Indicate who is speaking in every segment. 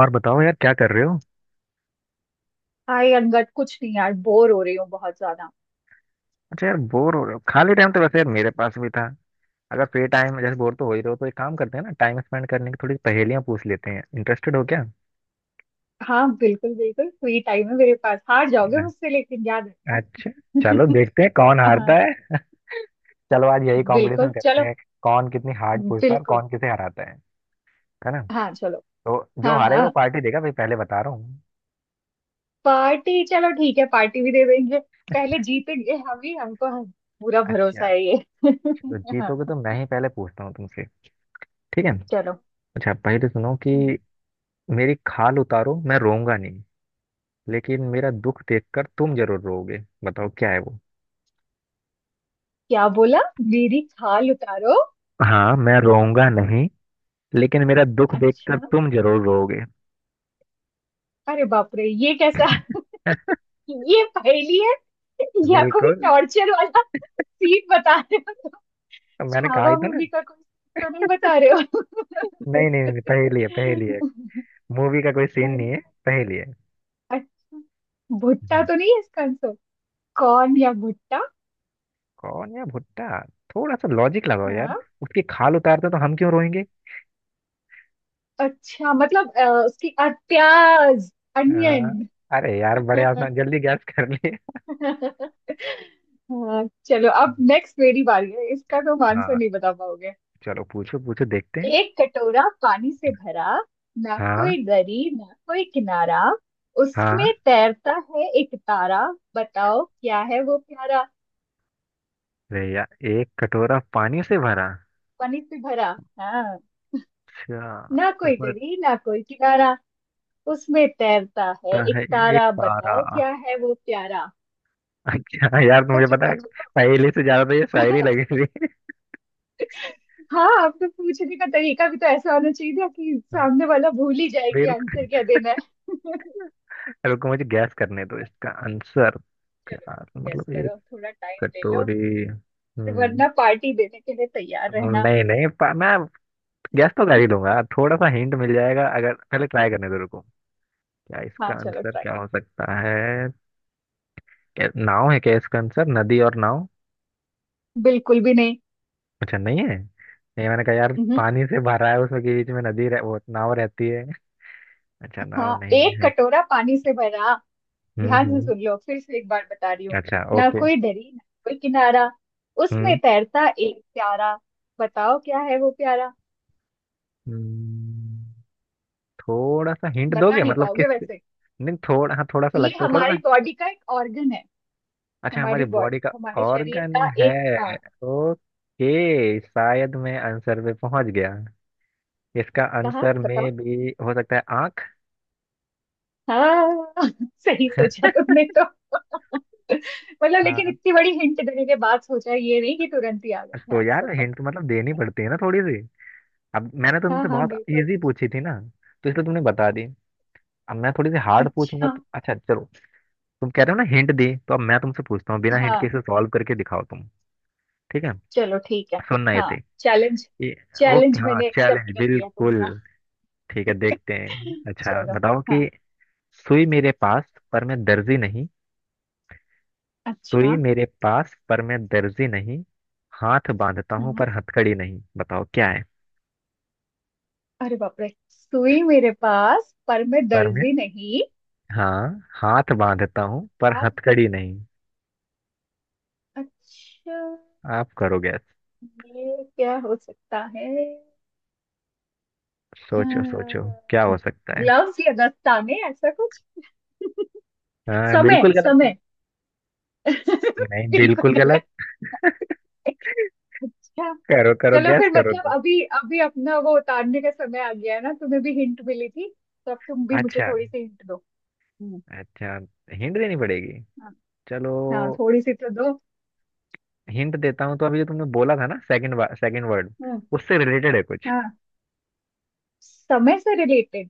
Speaker 1: और बताओ यार क्या कर रहे हो।
Speaker 2: हाय अनगत। कुछ नहीं यार, बोर हो रही हूँ बहुत ज्यादा।
Speaker 1: अच्छा यार बोर हो रहे हो, खाली टाइम तो वैसे यार मेरे पास भी था। अगर फ्री टाइम जैसे बोर तो हो ही रहे हो तो एक काम करते हैं ना, टाइम स्पेंड करने की थोड़ी पहेलियां पूछ लेते हैं। इंटरेस्टेड हो क्या?
Speaker 2: हाँ बिल्कुल बिल्कुल, फ्री टाइम है मेरे पास। हार
Speaker 1: है
Speaker 2: जाओगे
Speaker 1: ना?
Speaker 2: मुझसे, लेकिन याद
Speaker 1: अच्छा, चलो
Speaker 2: रखना।
Speaker 1: देखते हैं कौन हारता
Speaker 2: हाँ
Speaker 1: है। चलो आज यही
Speaker 2: बिल्कुल
Speaker 1: कंपटीशन करते
Speaker 2: चलो।
Speaker 1: हैं, कौन कितनी हार्ड पूछता है और
Speaker 2: बिल्कुल।
Speaker 1: कौन किसे हराता है ना।
Speaker 2: हाँ चलो।
Speaker 1: तो जो
Speaker 2: हाँ
Speaker 1: हारेगा
Speaker 2: हाँ।
Speaker 1: वो पार्टी देगा भाई, पहले बता रहा हूँ।
Speaker 2: पार्टी चलो ठीक है, पार्टी भी दे देंगे। पहले जीतेंगे हम ही, हमको पूरा भरोसा
Speaker 1: अच्छा
Speaker 2: है ये।
Speaker 1: चलो,
Speaker 2: हाँ
Speaker 1: जीतोगे तो मैं ही पहले पूछता हूँ तुमसे। ठीक है।
Speaker 2: चलो।
Speaker 1: अच्छा, पहले सुनो कि मेरी खाल उतारो मैं रोऊंगा नहीं, लेकिन मेरा दुख देखकर तुम जरूर रोओगे। बताओ क्या है वो।
Speaker 2: क्या बोला? मेरी खाल उतारो?
Speaker 1: हाँ, मैं रोऊंगा नहीं, लेकिन मेरा दुख देखकर
Speaker 2: अच्छा।
Speaker 1: तुम जरूर रोओगे।
Speaker 2: अरे बाप रे ये कैसा। ये पहेली है या कोई
Speaker 1: बिल्कुल।
Speaker 2: टॉर्चर वाला सीन बता रहे हो तो?
Speaker 1: मैंने कहा
Speaker 2: छावा
Speaker 1: ही था ना।
Speaker 2: मूवी का कोई scene तो नहीं बता रहे हो?
Speaker 1: नहीं नहीं नहीं, पहेली है, पहेली है। मूवी का कोई सीन नहीं
Speaker 2: अरे।
Speaker 1: है। पहेली है।
Speaker 2: अच्छा। भुट्टा
Speaker 1: हम्म।
Speaker 2: तो नहीं है इसका आंसर? कॉर्न या भुट्टा?
Speaker 1: कौन या भुट्टा। थोड़ा सा लॉजिक लगाओ यार,
Speaker 2: हाँ।
Speaker 1: उसकी खाल उतारते तो हम क्यों रोएंगे।
Speaker 2: अच्छा मतलब उसकी प्याज।
Speaker 1: आ,
Speaker 2: अनियन।
Speaker 1: अरे यार बड़े आसान, जल्दी गैस कर लिए।
Speaker 2: हाँ चलो, अब नेक्स्ट मेरी बारी है। इसका तो आंसर
Speaker 1: हाँ
Speaker 2: नहीं बता पाओगे।
Speaker 1: चलो, पूछो पूछो देखते हैं।
Speaker 2: एक कटोरा पानी से भरा, ना
Speaker 1: हाँ
Speaker 2: कोई दरी ना कोई किनारा, उसमें
Speaker 1: हाँ।
Speaker 2: तैरता है एक तारा, बताओ क्या है वो प्यारा।
Speaker 1: अरे यार एक कटोरा पानी से भरा।
Speaker 2: पानी से भरा। हाँ।
Speaker 1: अच्छा।
Speaker 2: ना कोई
Speaker 1: उसमें
Speaker 2: दरी ना कोई किनारा, उसमें तैरता है
Speaker 1: लगता
Speaker 2: एक
Speaker 1: है एक
Speaker 2: तारा,
Speaker 1: तारा।
Speaker 2: बताओ क्या है वो प्यारा।
Speaker 1: क्या यार, मुझे
Speaker 2: सोचो
Speaker 1: पता है।
Speaker 2: सोचो।
Speaker 1: पहेली से ज्यादा तो ये शायरी लगी थी।
Speaker 2: हाँ, आपको पूछने का तरीका भी तो ऐसा होना चाहिए ना, कि सामने वाला भूल ही जाए कि
Speaker 1: बिल्कुल।
Speaker 2: आंसर क्या देना है।
Speaker 1: रुको मुझे गैस करने दो इसका आंसर।
Speaker 2: चलो
Speaker 1: प्यार
Speaker 2: गेस
Speaker 1: मतलब एक
Speaker 2: करो, थोड़ा टाइम ले लो,
Speaker 1: कटोरी।
Speaker 2: और
Speaker 1: हम्म।
Speaker 2: वरना पार्टी देने के लिए तैयार रहना।
Speaker 1: नहीं नहीं, मैं गैस तो कर ही लूंगा, थोड़ा सा हिंट मिल जाएगा अगर, पहले ट्राई करने दो, रुको। क्या इसका
Speaker 2: हाँ चलो
Speaker 1: आंसर,
Speaker 2: ट्राई।
Speaker 1: क्या हो सकता है। नाव है क्या इसका आंसर, नदी और नाव।
Speaker 2: बिल्कुल भी नहीं।
Speaker 1: अच्छा नहीं है। नहीं मैंने कहा यार,
Speaker 2: हम्म,
Speaker 1: पानी से भरा है उसमें के बीच में वो नाव रहती है। अच्छा
Speaker 2: हाँ
Speaker 1: नाव नहीं
Speaker 2: एक
Speaker 1: है।
Speaker 2: कटोरा पानी से भरा।
Speaker 1: हम्म
Speaker 2: ध्यान से
Speaker 1: हम्म।
Speaker 2: सुन लो, फिर से एक बार बता रही हूँ।
Speaker 1: अच्छा
Speaker 2: ना
Speaker 1: ओके।
Speaker 2: कोई दरी ना कोई किनारा, उसमें
Speaker 1: हम्म।
Speaker 2: तैरता एक प्यारा, बताओ क्या है वो प्यारा।
Speaker 1: हम्म, थोड़ा सा हिंट
Speaker 2: बता
Speaker 1: दोगे
Speaker 2: नहीं
Speaker 1: मतलब
Speaker 2: पाओगे
Speaker 1: किस।
Speaker 2: वैसे।
Speaker 1: नहीं थोड़ा, हाँ थोड़ा सा
Speaker 2: ये
Speaker 1: लगता है, थोड़ा
Speaker 2: हमारी
Speaker 1: सा।
Speaker 2: बॉडी का एक ऑर्गन है।
Speaker 1: अच्छा हमारी
Speaker 2: हमारी बॉडी,
Speaker 1: बॉडी का
Speaker 2: हमारे शरीर
Speaker 1: ऑर्गन
Speaker 2: का
Speaker 1: है।
Speaker 2: एक, हाँ।
Speaker 1: ओके, शायद मैं आंसर पे पहुंच गया। इसका
Speaker 2: कहाँ
Speaker 1: आंसर
Speaker 2: बताओ।
Speaker 1: में भी हो सकता है, आंख।
Speaker 2: हाँ सही सोचा तुमने तो। मतलब लेकिन
Speaker 1: हाँ
Speaker 2: इतनी बड़ी हिंट देने के बाद सोचा ये नहीं, कि तुरंत ही आ गया
Speaker 1: तो
Speaker 2: ध्यान से
Speaker 1: यार
Speaker 2: पर।
Speaker 1: हिंट तो मतलब देनी पड़ती है ना थोड़ी सी। अब मैंने तो
Speaker 2: हाँ
Speaker 1: तुमसे
Speaker 2: हाँ
Speaker 1: बहुत
Speaker 2: बिल्कुल।
Speaker 1: इजी पूछी थी ना, तो इसलिए तुमने बता दी। अब मैं थोड़ी सी हार्ड पूछूंगा,
Speaker 2: अच्छा।
Speaker 1: तो अच्छा चलो। तुम कह रहे हो ना हिंट दी, तो अब मैं तुमसे पूछता हूँ बिना हिंट के,
Speaker 2: हाँ
Speaker 1: इसे सॉल्व करके दिखाओ तुम। ठीक है।
Speaker 2: चलो ठीक है।
Speaker 1: सुन रहे थे।
Speaker 2: हाँ चैलेंज।
Speaker 1: ये- ओके
Speaker 2: चैलेंज
Speaker 1: हाँ,
Speaker 2: मैंने एक्सेप्ट
Speaker 1: चैलेंज
Speaker 2: कर लिया
Speaker 1: बिल्कुल।
Speaker 2: तुम्हारा।
Speaker 1: ठीक है देखते हैं। अच्छा
Speaker 2: चलो।
Speaker 1: बताओ
Speaker 2: हाँ।
Speaker 1: कि सुई मेरे पास पर मैं दर्जी नहीं। सुई
Speaker 2: अच्छा।
Speaker 1: मेरे पास पर मैं दर्जी नहीं। हाथ बांधता हूँ
Speaker 2: हम्म,
Speaker 1: पर हथकड़ी नहीं। बताओ क्या है।
Speaker 2: अरे बाप रे, सुई मेरे पास पर मैं
Speaker 1: पर मैं,
Speaker 2: दर्जी नहीं।
Speaker 1: हाँ, हाथ बांधता हूँ पर
Speaker 2: आप।
Speaker 1: हथकड़ी नहीं।
Speaker 2: अच्छा
Speaker 1: आप करो गैस।
Speaker 2: ये क्या हो सकता है।
Speaker 1: सोचो सोचो, क्या हो सकता है।
Speaker 2: ग्लव्स या दस्ताने ऐसा कुछ।
Speaker 1: हाँ
Speaker 2: समय
Speaker 1: बिल्कुल गलत।
Speaker 2: समय।
Speaker 1: नहीं
Speaker 2: बिल्कुल
Speaker 1: बिल्कुल गलत।
Speaker 2: गलत। अच्छा।
Speaker 1: करो करो,
Speaker 2: चलो
Speaker 1: गैस
Speaker 2: फिर
Speaker 1: करो
Speaker 2: मतलब,
Speaker 1: तुम।
Speaker 2: अभी अभी अपना वो उतारने का समय आ गया है ना, तुम्हें भी हिंट मिली थी, तो अब तुम भी मुझे
Speaker 1: अच्छा।
Speaker 2: थोड़ी सी हिंट दो। हम्म,
Speaker 1: अच्छा, हिंट देनी पड़ेगी।
Speaker 2: हाँ।
Speaker 1: चलो,
Speaker 2: हाँ, थोड़ी सी तो दो।
Speaker 1: हिंट देता हूँ। तो अभी जो तुमने बोला था ना, सेकंड सेकंड वर्ड,
Speaker 2: हम्म,
Speaker 1: उससे रिलेटेड है कुछ।
Speaker 2: हाँ समय से रिलेटेड।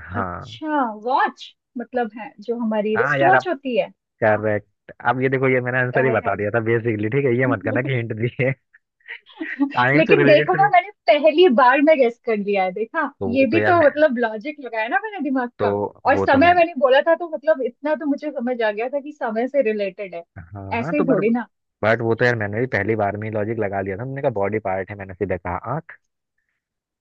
Speaker 1: हाँ।
Speaker 2: अच्छा वॉच मतलब है, जो हमारी
Speaker 1: हाँ
Speaker 2: रिस्ट
Speaker 1: यार, आप
Speaker 2: वॉच होती है। हाँ।
Speaker 1: करेक्ट। अब ये देखो, ये मैंने
Speaker 2: अ,
Speaker 1: आंसर ही बता दिया था बेसिकली। ठीक है, ये मत करना कि हिंट दिए। टाइम से
Speaker 2: लेकिन
Speaker 1: रिलेटेड
Speaker 2: देखो
Speaker 1: फिर
Speaker 2: ना, मैंने पहली बार में गेस कर लिया है देखा।
Speaker 1: वो
Speaker 2: ये
Speaker 1: तो
Speaker 2: भी
Speaker 1: यार
Speaker 2: तो
Speaker 1: मैं,
Speaker 2: मतलब लॉजिक लगाया ना मैंने दिमाग
Speaker 1: तो
Speaker 2: का। और
Speaker 1: वो तो
Speaker 2: समय
Speaker 1: मैंने,
Speaker 2: मैंने बोला था, तो मतलब इतना तो मुझे समझ आ गया था कि समय से रिलेटेड है।
Speaker 1: हाँ हाँ
Speaker 2: ऐसे
Speaker 1: तो
Speaker 2: ही
Speaker 1: बट
Speaker 2: थोड़ी ना।
Speaker 1: बट वो तो यार मैंने भी पहली बार में ही लॉजिक लगा लिया था। मैंने कहा बॉडी पार्ट है, मैंने सीधा कहा आंख।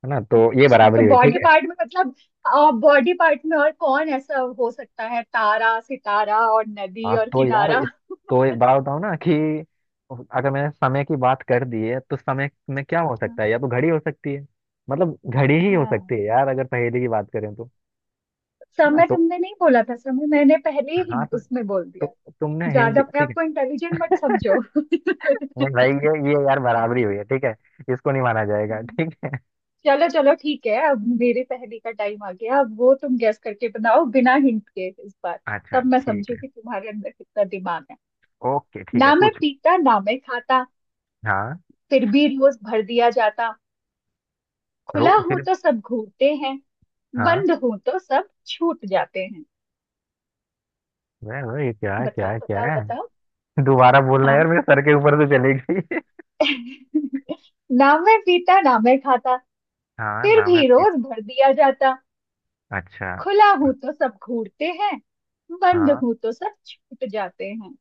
Speaker 1: है ना, तो ये
Speaker 2: अच्छा तो
Speaker 1: बराबरी हुई, ठीक
Speaker 2: बॉडी
Speaker 1: है।
Speaker 2: पार्ट में, मतलब बॉडी पार्ट में और कौन ऐसा हो सकता है? तारा सितारा और नदी
Speaker 1: हाँ
Speaker 2: और
Speaker 1: तो यार
Speaker 2: किनारा।
Speaker 1: इस, तो एक बात बताओ ना कि अगर मैंने समय की बात कर दी है, तो समय में क्या हो
Speaker 2: हाँ।
Speaker 1: सकता है? या तो घड़ी हो सकती है। मतलब घड़ी ही हो
Speaker 2: हाँ।
Speaker 1: सकती है यार, अगर पहेली की बात करें तो। है ना,
Speaker 2: समय
Speaker 1: तो
Speaker 2: तुमने नहीं बोला था, समय मैंने पहले ही
Speaker 1: हाँ
Speaker 2: उसमें बोल
Speaker 1: तो
Speaker 2: दिया।
Speaker 1: तुमने हिंट
Speaker 2: ज्यादा
Speaker 1: दिया,
Speaker 2: अपने
Speaker 1: ठीक
Speaker 2: आप
Speaker 1: है।
Speaker 2: को इंटेलिजेंट मत समझो।
Speaker 1: नहीं भाई, ये यार बराबरी हुई है ठीक है। इसको नहीं माना जाएगा, ठीक है।
Speaker 2: चलो चलो ठीक है, अब मेरी पहेली का टाइम आ गया, अब वो तुम गेस करके बनाओ बिना हिंट के इस बार।
Speaker 1: अच्छा
Speaker 2: तब मैं
Speaker 1: ठीक
Speaker 2: समझू
Speaker 1: है।
Speaker 2: कि तुम्हारे अंदर कितना दिमाग है।
Speaker 1: ओके ठीक है,
Speaker 2: ना मैं
Speaker 1: पूछो।
Speaker 2: पीता ना मैं खाता,
Speaker 1: हाँ,
Speaker 2: फिर भी रोज भर दिया जाता।
Speaker 1: रो
Speaker 2: खुला हो
Speaker 1: फिर,
Speaker 2: तो सब घूमते हैं,
Speaker 1: हाँ।
Speaker 2: बंद हो तो सब छूट जाते हैं।
Speaker 1: मैं वो, ये क्या है, क्या
Speaker 2: बताओ
Speaker 1: है, क्या
Speaker 2: बताओ बताओ।
Speaker 1: है? दोबारा बोलना
Speaker 2: हाँ।
Speaker 1: यार, मेरे सर के ऊपर से चली गई।
Speaker 2: ना मैं पीता ना मैं खाता,
Speaker 1: हाँ,
Speaker 2: फिर
Speaker 1: नाम है
Speaker 2: भी
Speaker 1: पीत।
Speaker 2: रोज भर दिया जाता।
Speaker 1: अच्छा।
Speaker 2: खुला हूं तो सब घूरते हैं, बंद
Speaker 1: हाँ
Speaker 2: हूं तो सब छूट जाते हैं।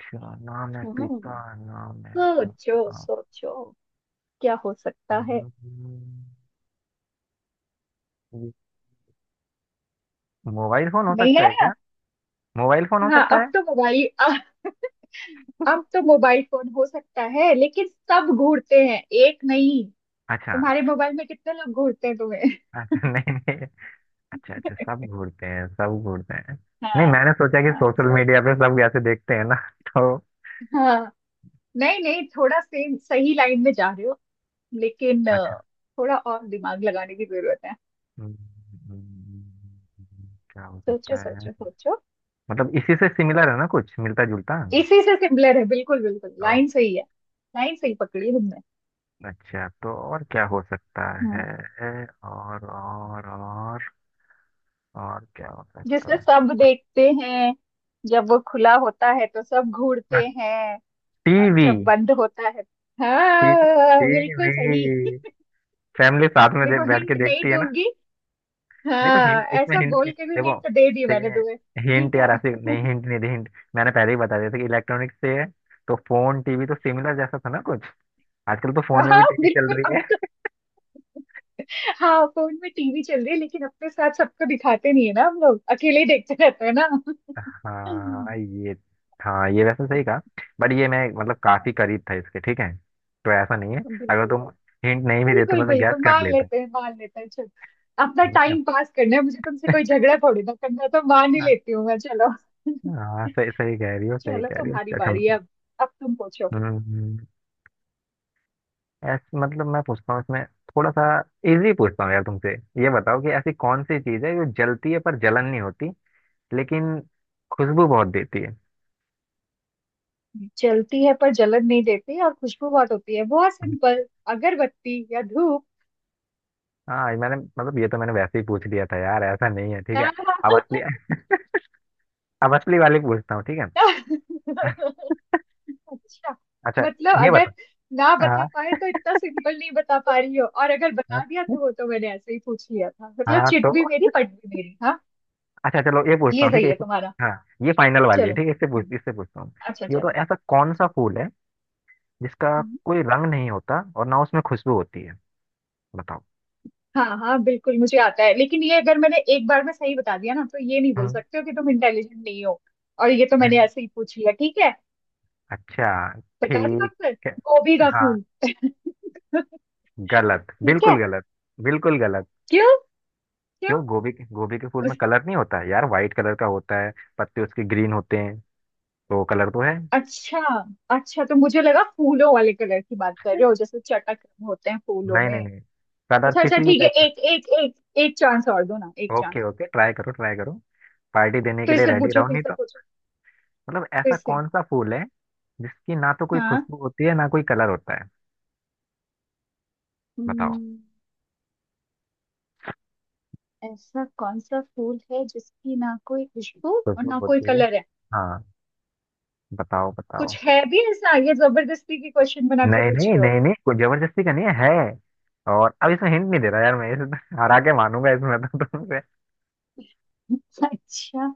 Speaker 1: क्या, नाम है
Speaker 2: हम्म,
Speaker 1: पिता? नाम है
Speaker 2: सोचो
Speaker 1: उसका?
Speaker 2: सोचो, क्या हो सकता है।
Speaker 1: हम्म, ये मोबाइल फोन हो
Speaker 2: नहीं
Speaker 1: सकता है
Speaker 2: आया।
Speaker 1: क्या? मोबाइल फोन हो
Speaker 2: हाँ
Speaker 1: सकता है।
Speaker 2: अब तो मोबाइल अब तो मोबाइल फोन हो सकता है, लेकिन सब घूरते हैं, एक नहीं।
Speaker 1: अच्छा
Speaker 2: तुम्हारे मोबाइल में कितने लोग घूरते हैं तुम्हें?
Speaker 1: अच्छा, नहीं नहीं, अच्छा अच्छा, सब घूरते हैं, सब घूरते हैं। नहीं,
Speaker 2: हाँ।
Speaker 1: मैंने सोचा कि
Speaker 2: हाँ
Speaker 1: सोशल
Speaker 2: सब।
Speaker 1: मीडिया पे सब ऐसे देखते हैं ना, तो।
Speaker 2: हाँ। नहीं नहीं, थोड़ा सेम सही लाइन में जा रहे हो, लेकिन
Speaker 1: अच्छा।
Speaker 2: थोड़ा और दिमाग लगाने की जरूरत है।
Speaker 1: हम्म, हम्म, क्या हो
Speaker 2: सोचो
Speaker 1: सकता है?
Speaker 2: सोचो सोचो।
Speaker 1: मतलब इसी से सिमिलर है ना कुछ, मिलता जुलता।
Speaker 2: इसी से सिमिलर है, बिल्कुल बिल्कुल
Speaker 1: ओ,
Speaker 2: लाइन सही है। लाइन सही पकड़ी तुमने।
Speaker 1: अच्छा, तो और क्या हो सकता है?
Speaker 2: हम्म।
Speaker 1: और और और और क्या हो सकता
Speaker 2: जिसे
Speaker 1: है?
Speaker 2: सब देखते हैं, जब वो खुला होता है तो सब घूरते हैं, और
Speaker 1: टीवी।
Speaker 2: जब बंद होता है।
Speaker 1: टीवी।
Speaker 2: हाँ बिल्कुल सही।
Speaker 1: टीवी, फैमिली साथ में
Speaker 2: देखो
Speaker 1: बैठ के
Speaker 2: हिंट नहीं
Speaker 1: देखती है ना।
Speaker 2: दूंगी।
Speaker 1: नहीं तो
Speaker 2: हाँ
Speaker 1: हिंट, इसमें
Speaker 2: ऐसा
Speaker 1: हिंट
Speaker 2: बोल के भी
Speaker 1: देखो।
Speaker 2: हिंट दे दी मैंने तुम्हें,
Speaker 1: हिंट
Speaker 2: ठीक
Speaker 1: यार
Speaker 2: है।
Speaker 1: ऐसे नहीं, हिंट नहीं दे, हिंट। मैंने पहले ही बता दिया था कि इलेक्ट्रॉनिक्स से है, तो फोन टीवी तो सिमिलर जैसा था ना कुछ। आजकल तो फोन में
Speaker 2: हाँ
Speaker 1: भी टीवी चल
Speaker 2: बिल्कुल
Speaker 1: रही
Speaker 2: अब
Speaker 1: है।
Speaker 2: तो। हाँ, फोन में टीवी चल रही है, लेकिन अपने साथ सबको दिखाते नहीं है ना, हम लोग अकेले ही देखते रहते हैं ना, हाँ।
Speaker 1: हाँ ये, हाँ ये वैसे सही कहा। बट ये मैं मतलब काफी करीब था इसके, ठीक है। तो ऐसा नहीं है,
Speaker 2: बिल्कुल
Speaker 1: अगर
Speaker 2: बिल्कुल।
Speaker 1: तुम हिंट नहीं भी देते
Speaker 2: बिल्कुल
Speaker 1: तो मैं गैस
Speaker 2: बिल्कुल
Speaker 1: कर
Speaker 2: मान
Speaker 1: लेता।
Speaker 2: लेते हैं, मान लेते हैं चलो। अपना
Speaker 1: हूँ।
Speaker 2: टाइम पास करना है मुझे, तुमसे कोई झगड़ा थोड़ी ना करना है, तो मान ही लेती हूँ मैं चलो।
Speaker 1: हाँ सही सही कह रही हो, सही
Speaker 2: चलो
Speaker 1: कह रही हो।
Speaker 2: तुम्हारी
Speaker 1: अच्छा
Speaker 2: बारी है अब। अब तुम पूछो।
Speaker 1: हम्म, ऐसे मतलब मैं पूछता हूँ, इसमें थोड़ा सा इजी पूछता हूँ यार तुमसे। ये बताओ कि ऐसी कौन सी चीज है जो जलती है पर जलन नहीं होती, लेकिन खुशबू बहुत देती है।
Speaker 2: जलती है पर जलन नहीं देती और खुशबू बहुत होती है, बहुत सिंपल। अगरबत्ती या धूप।
Speaker 1: हाँ, ये मैंने मतलब, ये तो मैंने वैसे ही पूछ लिया था यार, ऐसा नहीं है, ठीक है। अब असली, अब असली वाली पूछता हूँ, ठीक है।
Speaker 2: अच्छा,
Speaker 1: अच्छा
Speaker 2: मतलब
Speaker 1: ये
Speaker 2: अगर
Speaker 1: बता,
Speaker 2: ना बता
Speaker 1: हाँ
Speaker 2: पाए तो इतना सिंपल नहीं बता पा रही हो, और अगर
Speaker 1: हाँ
Speaker 2: बता दिया तो वो तो मैंने ऐसे ही पूछ लिया था, मतलब
Speaker 1: हाँ तो।
Speaker 2: चिट भी मेरी पट भी मेरी। हाँ।
Speaker 1: अच्छा चलो, ये पूछता
Speaker 2: ये
Speaker 1: हूँ, ठीक
Speaker 2: सही
Speaker 1: है
Speaker 2: है
Speaker 1: इस,
Speaker 2: तुम्हारा।
Speaker 1: हाँ, ये फाइनल वाली है,
Speaker 2: चलो।
Speaker 1: ठीक है, इससे पूछ, इससे पूछता हूँ।
Speaker 2: अच्छा
Speaker 1: ये
Speaker 2: चलो।
Speaker 1: बताओ ऐसा कौन सा
Speaker 2: चलो।
Speaker 1: फूल है जिसका
Speaker 2: हम्म,
Speaker 1: कोई रंग नहीं होता और ना उसमें खुशबू होती है। बताओ।
Speaker 2: हाँ हाँ बिल्कुल मुझे आता है, लेकिन ये अगर मैंने एक बार में सही बता दिया ना, तो ये नहीं बोल सकते हो कि तुम इंटेलिजेंट नहीं हो। और ये तो मैंने
Speaker 1: हम्म।
Speaker 2: ऐसे ही पूछ लिया, ठीक है।
Speaker 1: अच्छा।
Speaker 2: पटाखे का
Speaker 1: ठीक
Speaker 2: आंसर।
Speaker 1: है।
Speaker 2: गोभी का
Speaker 1: हाँ
Speaker 2: फूल। ठीक
Speaker 1: गलत,
Speaker 2: है।
Speaker 1: बिल्कुल गलत, बिल्कुल गलत।
Speaker 2: क्यों? क्यों?
Speaker 1: क्यों? गोभी के, गोभी के फूल में
Speaker 2: उस,
Speaker 1: कलर नहीं होता है यार? वाइट कलर का होता है, पत्ते उसके ग्रीन होते हैं, तो कलर तो है।
Speaker 2: अच्छा, अच्छा तो मुझे लगा फूलों वाले कलर की बात कर रहे हो, जैसे चटक होते हैं फूलों
Speaker 1: नहीं
Speaker 2: में।
Speaker 1: नहीं नहीं, कलर
Speaker 2: अच्छा अच्छा
Speaker 1: किसी भी
Speaker 2: ठीक है,
Speaker 1: टाइप
Speaker 2: एक एक एक, एक चांस और दो ना, एक
Speaker 1: का।
Speaker 2: चांस।
Speaker 1: ओके ओके, ट्राई करो ट्राई करो, पार्टी देने के
Speaker 2: फिर
Speaker 1: लिए
Speaker 2: से
Speaker 1: रेडी
Speaker 2: पूछो,
Speaker 1: रहो
Speaker 2: फिर
Speaker 1: नहीं
Speaker 2: से
Speaker 1: तो।
Speaker 2: पूछो,
Speaker 1: मतलब
Speaker 2: फिर
Speaker 1: ऐसा
Speaker 2: से।
Speaker 1: कौन सा फूल है जिसकी ना तो कोई
Speaker 2: हाँ।
Speaker 1: खुशबू होती है ना कोई कलर होता है। बताओ।
Speaker 2: हम्म। ऐसा कौन सा फूल है जिसकी ना कोई खुशबू और
Speaker 1: खुशबू
Speaker 2: ना कोई
Speaker 1: होती है,
Speaker 2: कलर है?
Speaker 1: हाँ, बताओ बताओ।
Speaker 2: कुछ है भी ऐसा, ये जबरदस्ती की क्वेश्चन बना के
Speaker 1: नहीं
Speaker 2: पूछ
Speaker 1: नहीं
Speaker 2: रहे हो?
Speaker 1: नहीं नहीं, कोई जबरदस्ती का नहीं है, है। और अब इसमें हिंट नहीं दे रहा यार मैं, इसमें हरा के मानूंगा इसमें तो तुमसे।
Speaker 2: अच्छा।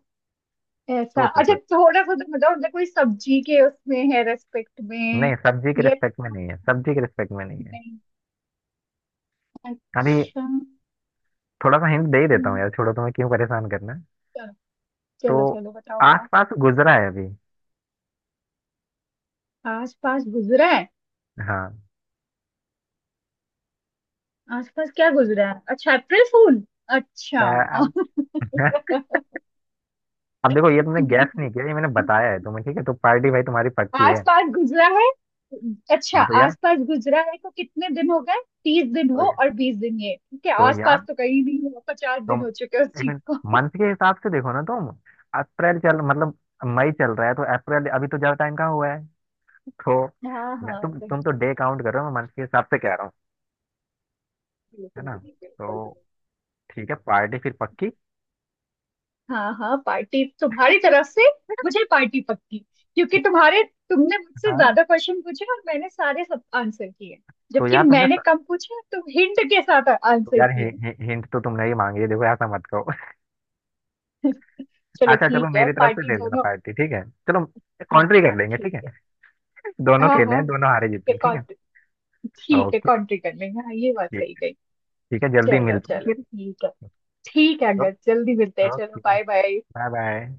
Speaker 2: ऐसा
Speaker 1: सोचो
Speaker 2: अच्छा,
Speaker 1: सोचो,
Speaker 2: थोड़ा सा तो बताओ, मतलब कोई सब्जी के उसमें है रेस्पेक्ट में?
Speaker 1: नहीं सब्जी के
Speaker 2: ये
Speaker 1: रिस्पेक्ट में नहीं है, सब्जी के रिस्पेक्ट में नहीं है।
Speaker 2: नहीं।
Speaker 1: अभी
Speaker 2: अच्छा।
Speaker 1: थोड़ा सा हिंट दे ही देता हूँ
Speaker 2: हम्म,
Speaker 1: यार, छोड़ो, तुम्हें क्यों परेशान करना।
Speaker 2: चलो
Speaker 1: तो
Speaker 2: चलो चलो, बताओ बताओ।
Speaker 1: आसपास गुजरा है अभी।
Speaker 2: आस पास गुजरा है।
Speaker 1: हाँ।
Speaker 2: आस पास क्या गुजरा है? अच्छा, अप्रैल फूल।
Speaker 1: अ,
Speaker 2: अच्छा।
Speaker 1: अब, अब देखो, ये तुमने गैस नहीं किया, ये मैंने बताया है तुम्हें, ठीक है, तो पार्टी भाई तुम्हारी पक्की
Speaker 2: आस
Speaker 1: है।
Speaker 2: पास गुजरा है। अच्छा
Speaker 1: हाँ तो यार,
Speaker 2: आस पास गुजरा है तो कितने दिन हो गए? 30 दिन
Speaker 1: तो,
Speaker 2: वो और 20 दिन ये, ठीक है
Speaker 1: तो
Speaker 2: आस पास
Speaker 1: यार
Speaker 2: तो कहीं नहीं है, पचास
Speaker 1: तुम,
Speaker 2: दिन हो चुके हैं उस
Speaker 1: एक
Speaker 2: चीज
Speaker 1: मिनट,
Speaker 2: को।
Speaker 1: मंथ के हिसाब से देखो ना तुम। अप्रैल चल मतलब मई चल रहा है तो अप्रैल, अभी तो ज्यादा टाइम कहाँ हुआ है। तो
Speaker 2: हाँ
Speaker 1: मैं,
Speaker 2: हाँ
Speaker 1: तुम तो
Speaker 2: बिल्कुल।
Speaker 1: डे काउंट कर रहे हो, मैं मंथ के हिसाब से कह रहा हूँ। है
Speaker 2: बिल्कुल
Speaker 1: ना,
Speaker 2: बिल्कुल
Speaker 1: तो
Speaker 2: बिल्कुल।
Speaker 1: ठीक है, पार्टी फिर पक्की।
Speaker 2: हाँ हाँ, पार्टी तुम्हारी तरफ से, मुझे पार्टी पक्की, क्योंकि तुम्हारे तुमने मुझसे
Speaker 1: हाँ
Speaker 2: ज्यादा क्वेश्चन पूछे और मैंने सारे सब आंसर किए।
Speaker 1: तो
Speaker 2: जबकि
Speaker 1: यार तुमने,
Speaker 2: मैंने कम पूछे, तुम हिंट के साथ
Speaker 1: तो
Speaker 2: आंसर
Speaker 1: यार हि,
Speaker 2: किए।
Speaker 1: हि, हिंट तो तुमने ही मांगी है, देखो ऐसा मत कहो।
Speaker 2: चलो
Speaker 1: अच्छा चलो,
Speaker 2: ठीक है
Speaker 1: मेरी तरफ से
Speaker 2: पार्टी
Speaker 1: दे देना
Speaker 2: दोनों।
Speaker 1: पार्टी, ठीक है। चलो
Speaker 2: हाँ
Speaker 1: कॉन्ट्री कर
Speaker 2: हाँ
Speaker 1: लेंगे,
Speaker 2: ठीक
Speaker 1: ठीक है।
Speaker 2: है।
Speaker 1: दोनों
Speaker 2: हाँ
Speaker 1: खेले
Speaker 2: हाँ।
Speaker 1: हैं, दोनों हारे
Speaker 2: ठीक
Speaker 1: जीते
Speaker 2: है
Speaker 1: हैं, ठीक है।
Speaker 2: कॉन्ट्री। ठीक है
Speaker 1: ओके,
Speaker 2: कॉन्ट्री कर लेंगे, हाँ ये बात
Speaker 1: ठीक,
Speaker 2: सही कही।
Speaker 1: ठीक है, जल्दी
Speaker 2: चलो
Speaker 1: मिलते हैं
Speaker 2: चलो
Speaker 1: फिर।
Speaker 2: ठीक है। ठीक है अंगद, जल्दी मिलते हैं, चलो
Speaker 1: okay,
Speaker 2: bye bye.
Speaker 1: Bye bye.